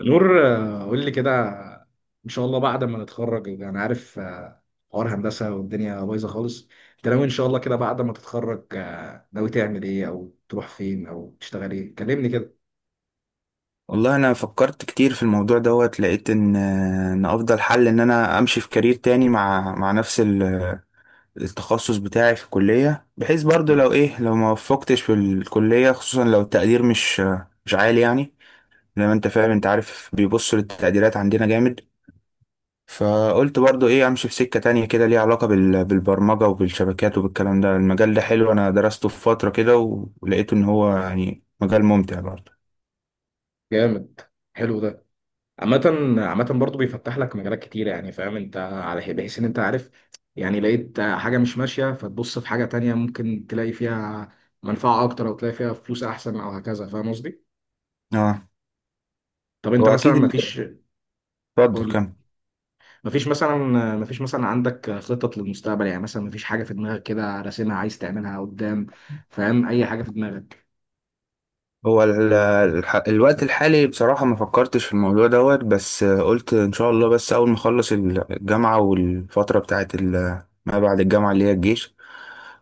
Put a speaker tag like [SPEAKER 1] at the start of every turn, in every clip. [SPEAKER 1] نور، قول لي كده. ان شاء الله بعد ما نتخرج انا يعني عارف، حوار هندسه والدنيا بايظه خالص. انت ناوي ان شاء الله كده بعد ما تتخرج، ناوي تعمل ايه او تروح فين او تشتغل ايه؟ كلمني كده.
[SPEAKER 2] والله انا فكرت كتير في الموضوع دوت. لقيت ان افضل حل ان انا امشي في كارير تاني مع نفس التخصص بتاعي في الكلية، بحيث برضو لو ايه لو ما وفقتش في الكلية، خصوصا لو التقدير مش عالي يعني. زي ما انت فاهم، انت عارف بيبصوا للتقديرات عندنا جامد. فقلت برضو ايه، امشي في سكة تانية كده ليها علاقة بالبرمجة وبالشبكات وبالكلام ده. المجال ده حلو، انا درسته في فترة كده ولقيت ان هو يعني مجال ممتع برضو.
[SPEAKER 1] جامد. حلو ده. عامة، عامة برضه بيفتح لك مجالات كتير، يعني فاهم انت على بحيث ان انت عارف. يعني لقيت حاجة مش ماشية، فتبص في حاجة تانية ممكن تلاقي فيها منفعة أكتر أو تلاقي فيها فلوس أحسن أو هكذا، فاهم قصدي؟
[SPEAKER 2] اه.
[SPEAKER 1] طب أنت
[SPEAKER 2] هو
[SPEAKER 1] مثلا
[SPEAKER 2] اكيد ال- اتفضل كمل.
[SPEAKER 1] مفيش مثلا مفيش مثلا عندك خطط للمستقبل؟ يعني مثلا مفيش حاجة في دماغك كده راسمها عايز تعملها قدام؟ فاهم أي حاجة في دماغك؟
[SPEAKER 2] الوقت الحالي بصراحة ما فكرتش في الموضوع دوت، بس قلت إن شاء الله بس أول ما أخلص الجامعة، والفترة بتاعت ما بعد الجامعة اللي هي الجيش.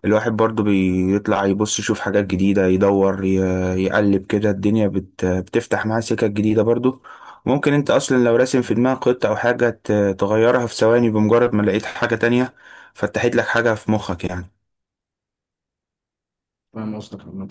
[SPEAKER 2] الواحد برضو بيطلع يبص يشوف حاجات جديدة، يدور يقلب كده. الدنيا بتفتح معاه سكة جديدة برضو. ممكن أنت أصلا لو راسم في دماغك خطة أو حاجة تغيرها في ثواني بمجرد ما لقيت حاجة تانية فتحت لك حاجة في مخك يعني.
[SPEAKER 1] فاهم قصدك، عامة.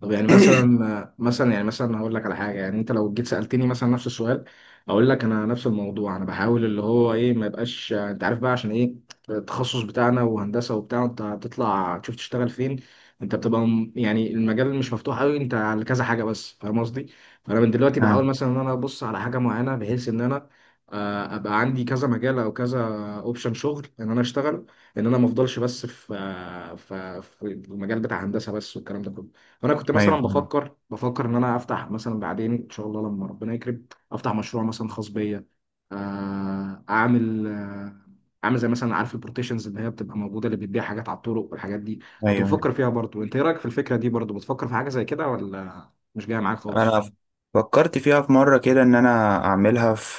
[SPEAKER 1] طب يعني مثلا هقول لك على حاجه. يعني انت لو جيت سالتني مثلا نفس السؤال، اقول لك انا نفس الموضوع، انا بحاول اللي هو ايه ما يبقاش، انت عارف بقى عشان ايه، التخصص بتاعنا وهندسه وبتاع، انت هتطلع تشوف تشتغل فين. انت بتبقى يعني المجال مش مفتوح قوي، انت على كذا حاجه بس، فاهم قصدي. فانا من دلوقتي بحاول
[SPEAKER 2] آه.
[SPEAKER 1] مثلا ان انا ابص على حاجه معينه بحيث ان انا، ابقى عندي كذا مجال او كذا اوبشن شغل ان انا اشتغل، ان انا ما افضلش بس في آه، في في المجال بتاع هندسه بس والكلام ده كله. انا كنت مثلا
[SPEAKER 2] أيوه،
[SPEAKER 1] بفكر ان انا افتح مثلا بعدين ان شاء الله لما ربنا يكرم، افتح مشروع مثلا خاص بيا. آه، اعمل آه، اعمل زي مثلا، عارف البروتيشنز اللي هي بتبقى موجوده اللي بتبيع حاجات على الطرق والحاجات دي. كنت
[SPEAKER 2] أيوه.
[SPEAKER 1] بفكر فيها برضو. انت ايه رايك في الفكره دي؟ برضو بتفكر في حاجه زي كده ولا مش جايه معاك خالص؟
[SPEAKER 2] انا فكرت فيها في مره كده ان انا اعملها في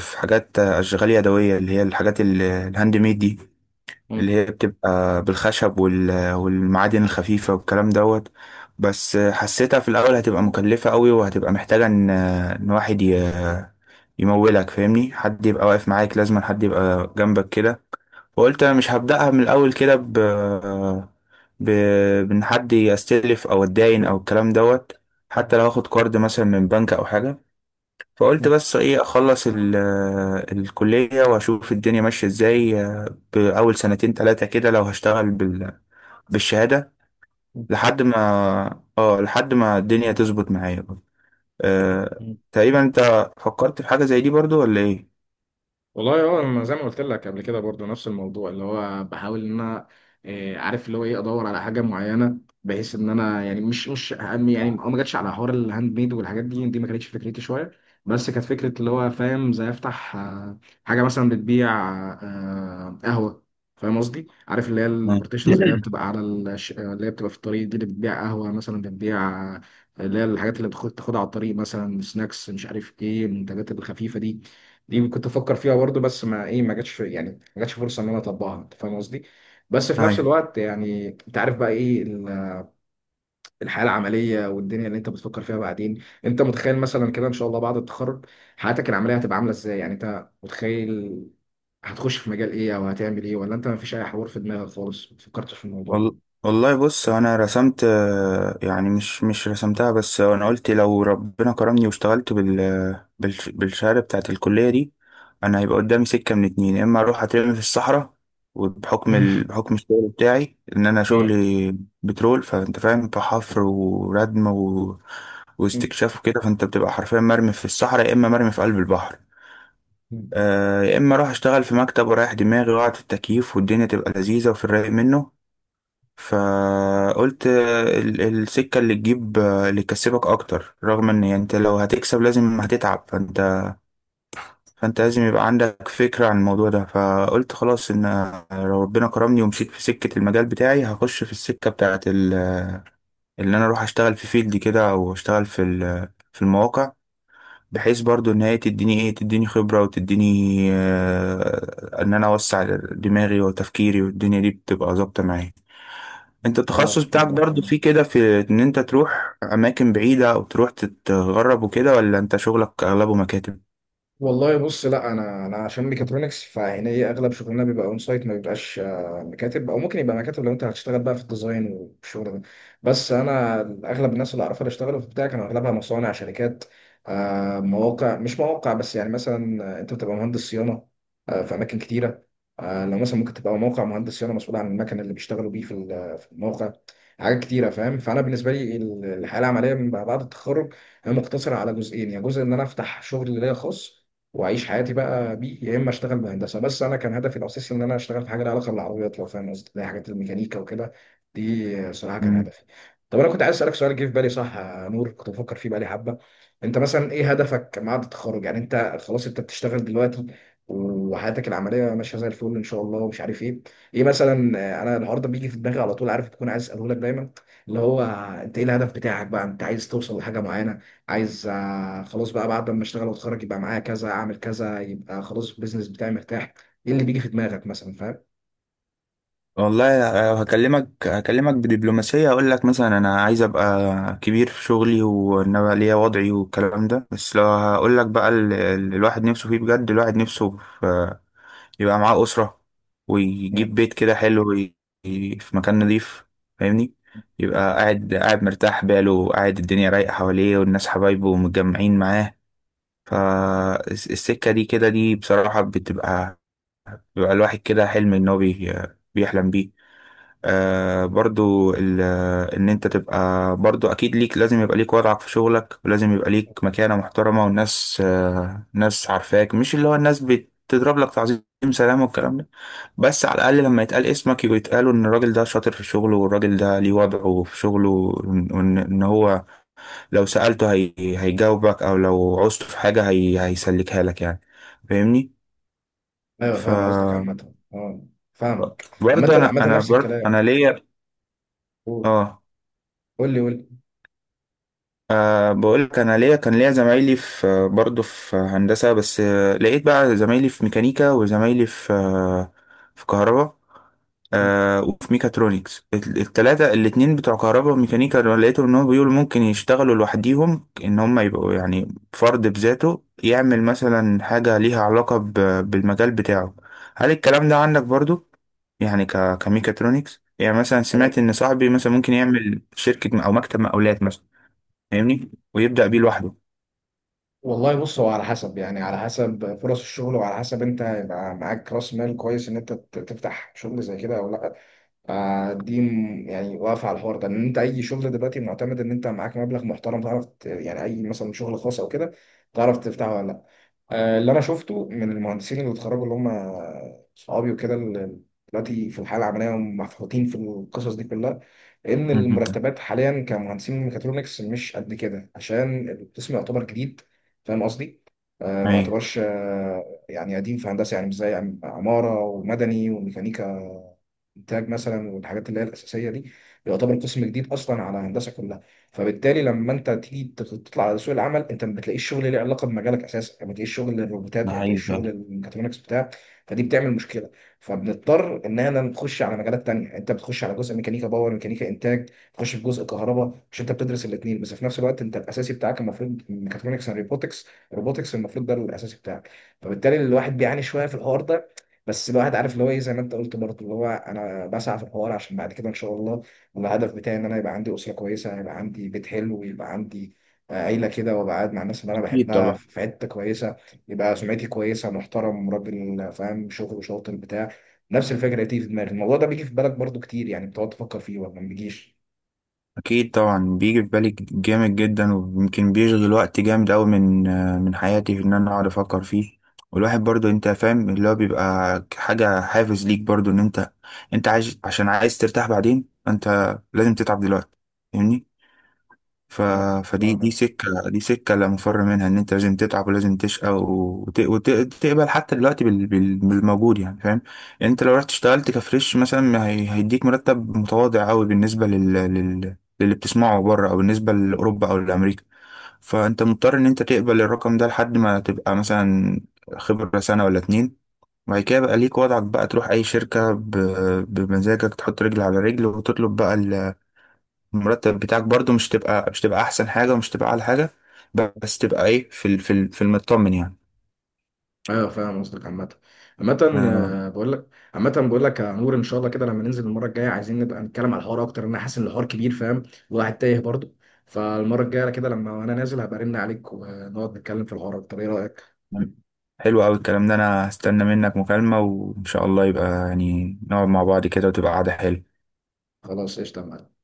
[SPEAKER 2] في حاجات اشغال يدويه، اللي هي الحاجات الهاند ميد دي، اللي هي بتبقى بالخشب والمعادن الخفيفه والكلام دوت. بس حسيتها في الاول هتبقى مكلفه قوي، وهتبقى محتاجه ان واحد يمولك. فاهمني، حد يبقى واقف معاك، لازم حد يبقى جنبك كده. فقلت انا مش هبدأها من الاول كده ب ب بان حد يستلف او اتداين او الكلام دوت، حتى لو هاخد كارد مثلا من بنك او حاجه. فقلت بس ايه، اخلص الكليه واشوف الدنيا ماشيه ازاي باول سنتين ثلاثه كده، لو هشتغل بالشهاده لحد ما، اه لحد ما الدنيا تظبط معايا. أه...
[SPEAKER 1] مم.
[SPEAKER 2] تقريبا انت فكرت في حاجه زي دي برضو ولا ايه؟
[SPEAKER 1] والله هو انا زي ما قلت لك قبل كده برضو نفس الموضوع، اللي هو بحاول ان انا، عارف اللي هو ايه، ادور على حاجه معينه بحيث ان انا، يعني مش مش أهم- يعني ما جاتش على حوار الهاند ميد والحاجات دي ما كانتش فكرتي شويه. بس كانت فكره، اللي هو فاهم، زي افتح، حاجه مثلا بتبيع قهوه. فاهم قصدي؟ عارف اللي هي
[SPEAKER 2] مم.
[SPEAKER 1] البارتيشنز اللي هي بتبقى على الش... اللي هي بتبقى في الطريق، دي اللي بتبيع قهوه مثلا بتبيع، آه، اللي هي الحاجات اللي بتاخدها على الطريق، مثلا سناكس مش عارف ايه، المنتجات الخفيفه دي. دي كنت افكر فيها برضو، بس ما ايه ما جاتش يعني ما جاتش فرصه ان انا اطبقها، انت فاهم قصدي. بس في نفس
[SPEAKER 2] ايوه.
[SPEAKER 1] الوقت، يعني انت عارف بقى ايه الحياه العمليه والدنيا اللي انت بتفكر فيها بعدين. انت متخيل مثلا كده ان شاء الله بعد التخرج حياتك العمليه هتبقى عامله ازاي؟ يعني انت متخيل هتخش في مجال ايه او هتعمل ايه؟ ولا انت ما فيش اي حوار في دماغك خالص، ما فكرتش في الموضوع؟
[SPEAKER 2] وال- والله بص، انا رسمت يعني مش رسمتها، بس انا قلت لو ربنا كرمني واشتغلت بالشهاده بتاعت الكليه دي، انا هيبقى قدامي سكه من اتنين. يا اما اروح اترمي في الصحراء، وبحكم بحكم الشغل بتاعي، ان انا
[SPEAKER 1] مم.
[SPEAKER 2] شغلي بترول، فانت فاهم، فحفر وردم
[SPEAKER 1] مم.
[SPEAKER 2] واستكشاف وكده، فانت بتبقى حرفيا مرمي في الصحراء يا اما مرمي في قلب البحر.
[SPEAKER 1] مم.
[SPEAKER 2] يا اما اروح اشتغل في مكتب ورايح دماغي وقعد التكييف، والدنيا تبقى لذيذه وفي الرايق منه. فقلت السكة اللي اللي تكسبك أكتر، رغم إن يعني أنت لو هتكسب لازم هتتعب. فأنت لازم يبقى عندك فكرة عن الموضوع ده. فقلت خلاص، إن لو ربنا كرمني ومشيت في سكة المجال بتاعي، هخش في السكة بتاعت اللي أنا أروح أشتغل في فيلد كده، أو أشتغل في المواقع، بحيث برضو إن هي تديني إيه، تديني خبرة وتديني إن أنا أوسع دماغي وتفكيري، والدنيا دي بتبقى ظابطة معايا. انت
[SPEAKER 1] اه،
[SPEAKER 2] التخصص بتاعك
[SPEAKER 1] فاهم.
[SPEAKER 2] برضو فيه كده، في ان انت تروح اماكن بعيدة او تروح تتغرب وكده، ولا انت شغلك اغلبه مكاتب؟
[SPEAKER 1] والله بص، لا، انا عشان ميكاترونكس، فهنا هي اغلب شغلنا بيبقى اون سايت، ما بيبقاش مكاتب، او ممكن يبقى مكاتب لو انت هتشتغل بقى في الديزاين والشغل ده. بس انا اغلب الناس اللي اعرفها اللي اشتغلوا في بتاع كانوا اغلبها مصانع، شركات، مواقع. مش مواقع بس، يعني مثلا انت بتبقى مهندس صيانه في اماكن كتيره. لو مثلا ممكن تبقى موقع مهندس صيانه مسؤول عن المكن اللي بيشتغلوا بيه في الموقع. حاجات كتيره فاهم. فانا بالنسبه لي الحياه العمليه من بعد التخرج هي مقتصره على جزئين: يا جزء ان انا افتح شغل ليا خاص واعيش حياتي بقى بيه، يا اما اشتغل بهندسه بس. انا كان هدفي الاساسي ان انا اشتغل في حاجه لها علاقه بالعربيات، لو فاهم قصدي، اللي هي حاجات الميكانيكا وكده. دي صراحه كان
[SPEAKER 2] مم.
[SPEAKER 1] هدفي. طب انا كنت عايز اسالك سؤال جه في بالي، صح يا نور، كنت بفكر فيه بقالي حبه. انت مثلا ايه هدفك بعد التخرج؟ يعني انت خلاص، انت بتشتغل دلوقتي وحياتك العمليه ماشيه زي الفل ان شاء الله ومش عارف ايه، ايه مثلا، انا النهارده بيجي في دماغي على طول، عارف، تكون عايز اساله لك دايما، اللي هو انت ايه الهدف بتاعك بقى؟ انت عايز توصل لحاجه معينه؟ عايز خلاص بقى بعد ما اشتغل واتخرج يبقى معايا كذا، اعمل كذا، يبقى خلاص البيزنس بتاعي مرتاح؟ ايه اللي بيجي في دماغك مثلا فاهم؟
[SPEAKER 2] والله هكلمك، هكلمك بدبلوماسية. اقول لك مثلا انا عايز ابقى كبير في شغلي، وان انا ليا وضعي والكلام ده. بس لو هقول لك بقى، الواحد نفسه فيه بجد. الواحد نفسه في يبقى معاه أسرة، ويجيب
[SPEAKER 1] مم.
[SPEAKER 2] بيت كده حلو في مكان نظيف. فاهمني، يبقى قاعد، قاعد مرتاح باله، قاعد الدنيا رايقة حواليه والناس حبايبه ومتجمعين معاه. فالسكة دي كده دي بصراحة بتبقى، بيبقى الواحد كده حلم إن هو بيحلم بيه. آه، برضو ال- إن أنت تبقى برضو أكيد ليك لازم يبقى ليك وضعك في شغلك، ولازم يبقى ليك مكانة محترمة، والناس ناس عارفاك، مش اللي هو الناس بتضرب لك تعظيم سلام والكلام ده، بس على الأقل لما يتقال اسمك يبقى يتقالوا إن الراجل ده شاطر في شغله، والراجل ده ليه وضعه في شغله، إن هو لو سألته هيجاوبك، أو لو عوزته في حاجة هيسلكها لك يعني. فاهمني؟
[SPEAKER 1] ايوه،
[SPEAKER 2] ف
[SPEAKER 1] فاهم قصدك، عامة، اه. فاهمك، عامة،
[SPEAKER 2] برضه، أنا
[SPEAKER 1] عامة
[SPEAKER 2] أنا
[SPEAKER 1] نفس
[SPEAKER 2] برضه
[SPEAKER 1] الكلام.
[SPEAKER 2] أنا ليا.
[SPEAKER 1] قول
[SPEAKER 2] آه.
[SPEAKER 1] قول لي قول لي.
[SPEAKER 2] بقول لك، انا ليا كان ليا زمايلي، في برضه في هندسه، بس لقيت بقى زمايلي في ميكانيكا، وزمايلي في في كهرباء،
[SPEAKER 1] مم.
[SPEAKER 2] أه، وفي ميكاترونكس. التلاتة، الاتنين بتوع كهرباء وميكانيكا دول، لقيتهم ان هم بيقولوا ممكن يشتغلوا لوحديهم، ان هم يبقوا يعني فرد بذاته يعمل مثلا حاجه ليها علاقه بالمجال بتاعه. هل الكلام ده عندك برضه؟ يعني كميكاترونكس، يعني مثلا سمعت
[SPEAKER 1] خلاص.
[SPEAKER 2] ان صاحبي مثلا ممكن يعمل شركه او مكتب مقاولات مثلا، فاهمني، ويبدأ بيه لوحده.
[SPEAKER 1] والله بص، هو على حسب، يعني على حسب فرص الشغل وعلى حسب انت يبقى معاك راس مال كويس، ان انت تفتح شغل زي كده او لا. دي يعني واقفه على الحوار ده، ان انت اي شغل دلوقتي معتمد ان انت معاك مبلغ محترم تعرف يعني اي مثلا شغل خاص او كده تعرف تفتحه ولا لا. اللي انا شفته من المهندسين اللي اتخرجوا اللي هم صحابي وكده، اللي دلوقتي في الحاله العمليه ومفحوطين في القصص دي كلها، ان
[SPEAKER 2] مهم.
[SPEAKER 1] المرتبات حاليا كمهندسين ميكاترونكس مش قد كده عشان القسم يعتبر جديد. فاهم قصدي؟ ما
[SPEAKER 2] ايوه،
[SPEAKER 1] يعتبرش يعني قديم في هندسه، يعني مش زي عماره ومدني وميكانيكا انتاج مثلا، والحاجات اللي هي الاساسيه دي. يعتبر قسم جديد اصلا على هندسه كلها. فبالتالي لما انت تيجي تطلع على سوق العمل، انت ما بتلاقيش شغل ليه علاقه بمجالك اساسا، ما بتلاقيش شغل للروبوتات،
[SPEAKER 2] ده
[SPEAKER 1] ما
[SPEAKER 2] حقيقي
[SPEAKER 1] بتلاقيش شغل
[SPEAKER 2] فعلا.
[SPEAKER 1] للميكاترونكس بتاع. فدي بتعمل مشكله. فبنضطر ان احنا نخش على مجالات تانية، يعني انت بتخش على جزء ميكانيكا باور، ميكانيكا انتاج، تخش في جزء كهرباء. مش انت بتدرس الاثنين بس في نفس الوقت، انت الاساسي بتاعك المفروض ميكاترونكس اند روبوتكس. روبوتكس المفروض ده الاساسي بتاعك. فبالتالي الواحد بيعاني شويه في الحوار ده. بس الواحد عارف اللي هو ايه، زي ما انت قلت برضه، اللي هو انا بسعى في الحوار عشان بعد كده ان شاء الله، الهدف بتاعي ان انا يبقى عندي اسره كويسه، يبقى عندي بيت حلو، ويبقى عندي عيله كده، وابقى قاعد مع الناس اللي انا
[SPEAKER 2] أكيد
[SPEAKER 1] بحبها
[SPEAKER 2] طبعا،
[SPEAKER 1] في حته كويسه. يبقى سمعتي كويسه، محترم، راجل فاهم شغل، شاطر بتاع. نفس الفكره دي في دماغي، الموضوع ده بيجي في بالك برضو كتير؟ يعني بتقعد تفكر فيه ولا ما بيجيش؟
[SPEAKER 2] أكيد طبعا. بيجي في بالي جامد جدا، ويمكن بيشغل وقت جامد أوي من حياتي، في إن أنا أقعد أفكر فيه. والواحد برضو أنت فاهم، اللي هو بيبقى حاجة حافز ليك برضو، إن أنت عايز، عشان عايز ترتاح بعدين أنت لازم تتعب دلوقتي، فاهمني. ف...
[SPEAKER 1] آه، آه،
[SPEAKER 2] فدي، دي
[SPEAKER 1] آه.
[SPEAKER 2] سكة، لا مفر منها، ان انت لازم تتعب ولازم تشقى، تقبل حتى دلوقتي بالموجود يعني، فاهم. يعني انت لو رحت اشتغلت كفريش مثلا، ما هيديك مرتب متواضع قوي بالنسبة للي بتسمعه بره، او بالنسبة لاوروبا او لامريكا. فانت مضطر ان انت تقبل الرقم ده لحد ما تبقى مثلا خبرة سنة ولا اتنين، وبعد كده بقى ليك وضعك، بقى تروح اي شركة بمزاجك، تحط رجل على رجل، وتطلب بقى المرتب بتاعك برضو. مش تبقى احسن حاجه، ومش تبقى اعلى حاجه، بس تبقى ايه، في المطمن يعني.
[SPEAKER 1] ايوه، فاهم قصدك، عامة. عامة
[SPEAKER 2] آه.
[SPEAKER 1] بقول لك. عامة بقول لك يا نور، ان شاء الله كده لما ننزل المرة الجاية عايزين نبقى نتكلم على الحوار اكتر، لأن انا حاسس ان الحوار كبير فاهم. والواحد تايه برضه. فالمرة الجاية كده لما انا نازل هبقى ارن عليك ونقعد نتكلم في الحوار اكتر، ايه رأيك؟
[SPEAKER 2] حلو قوي الكلام ده، انا هستنى منك مكالمه، وان شاء الله يبقى يعني نقعد مع بعض كده وتبقى قعده حلوه.
[SPEAKER 1] خلاص، قشطة يا معلم.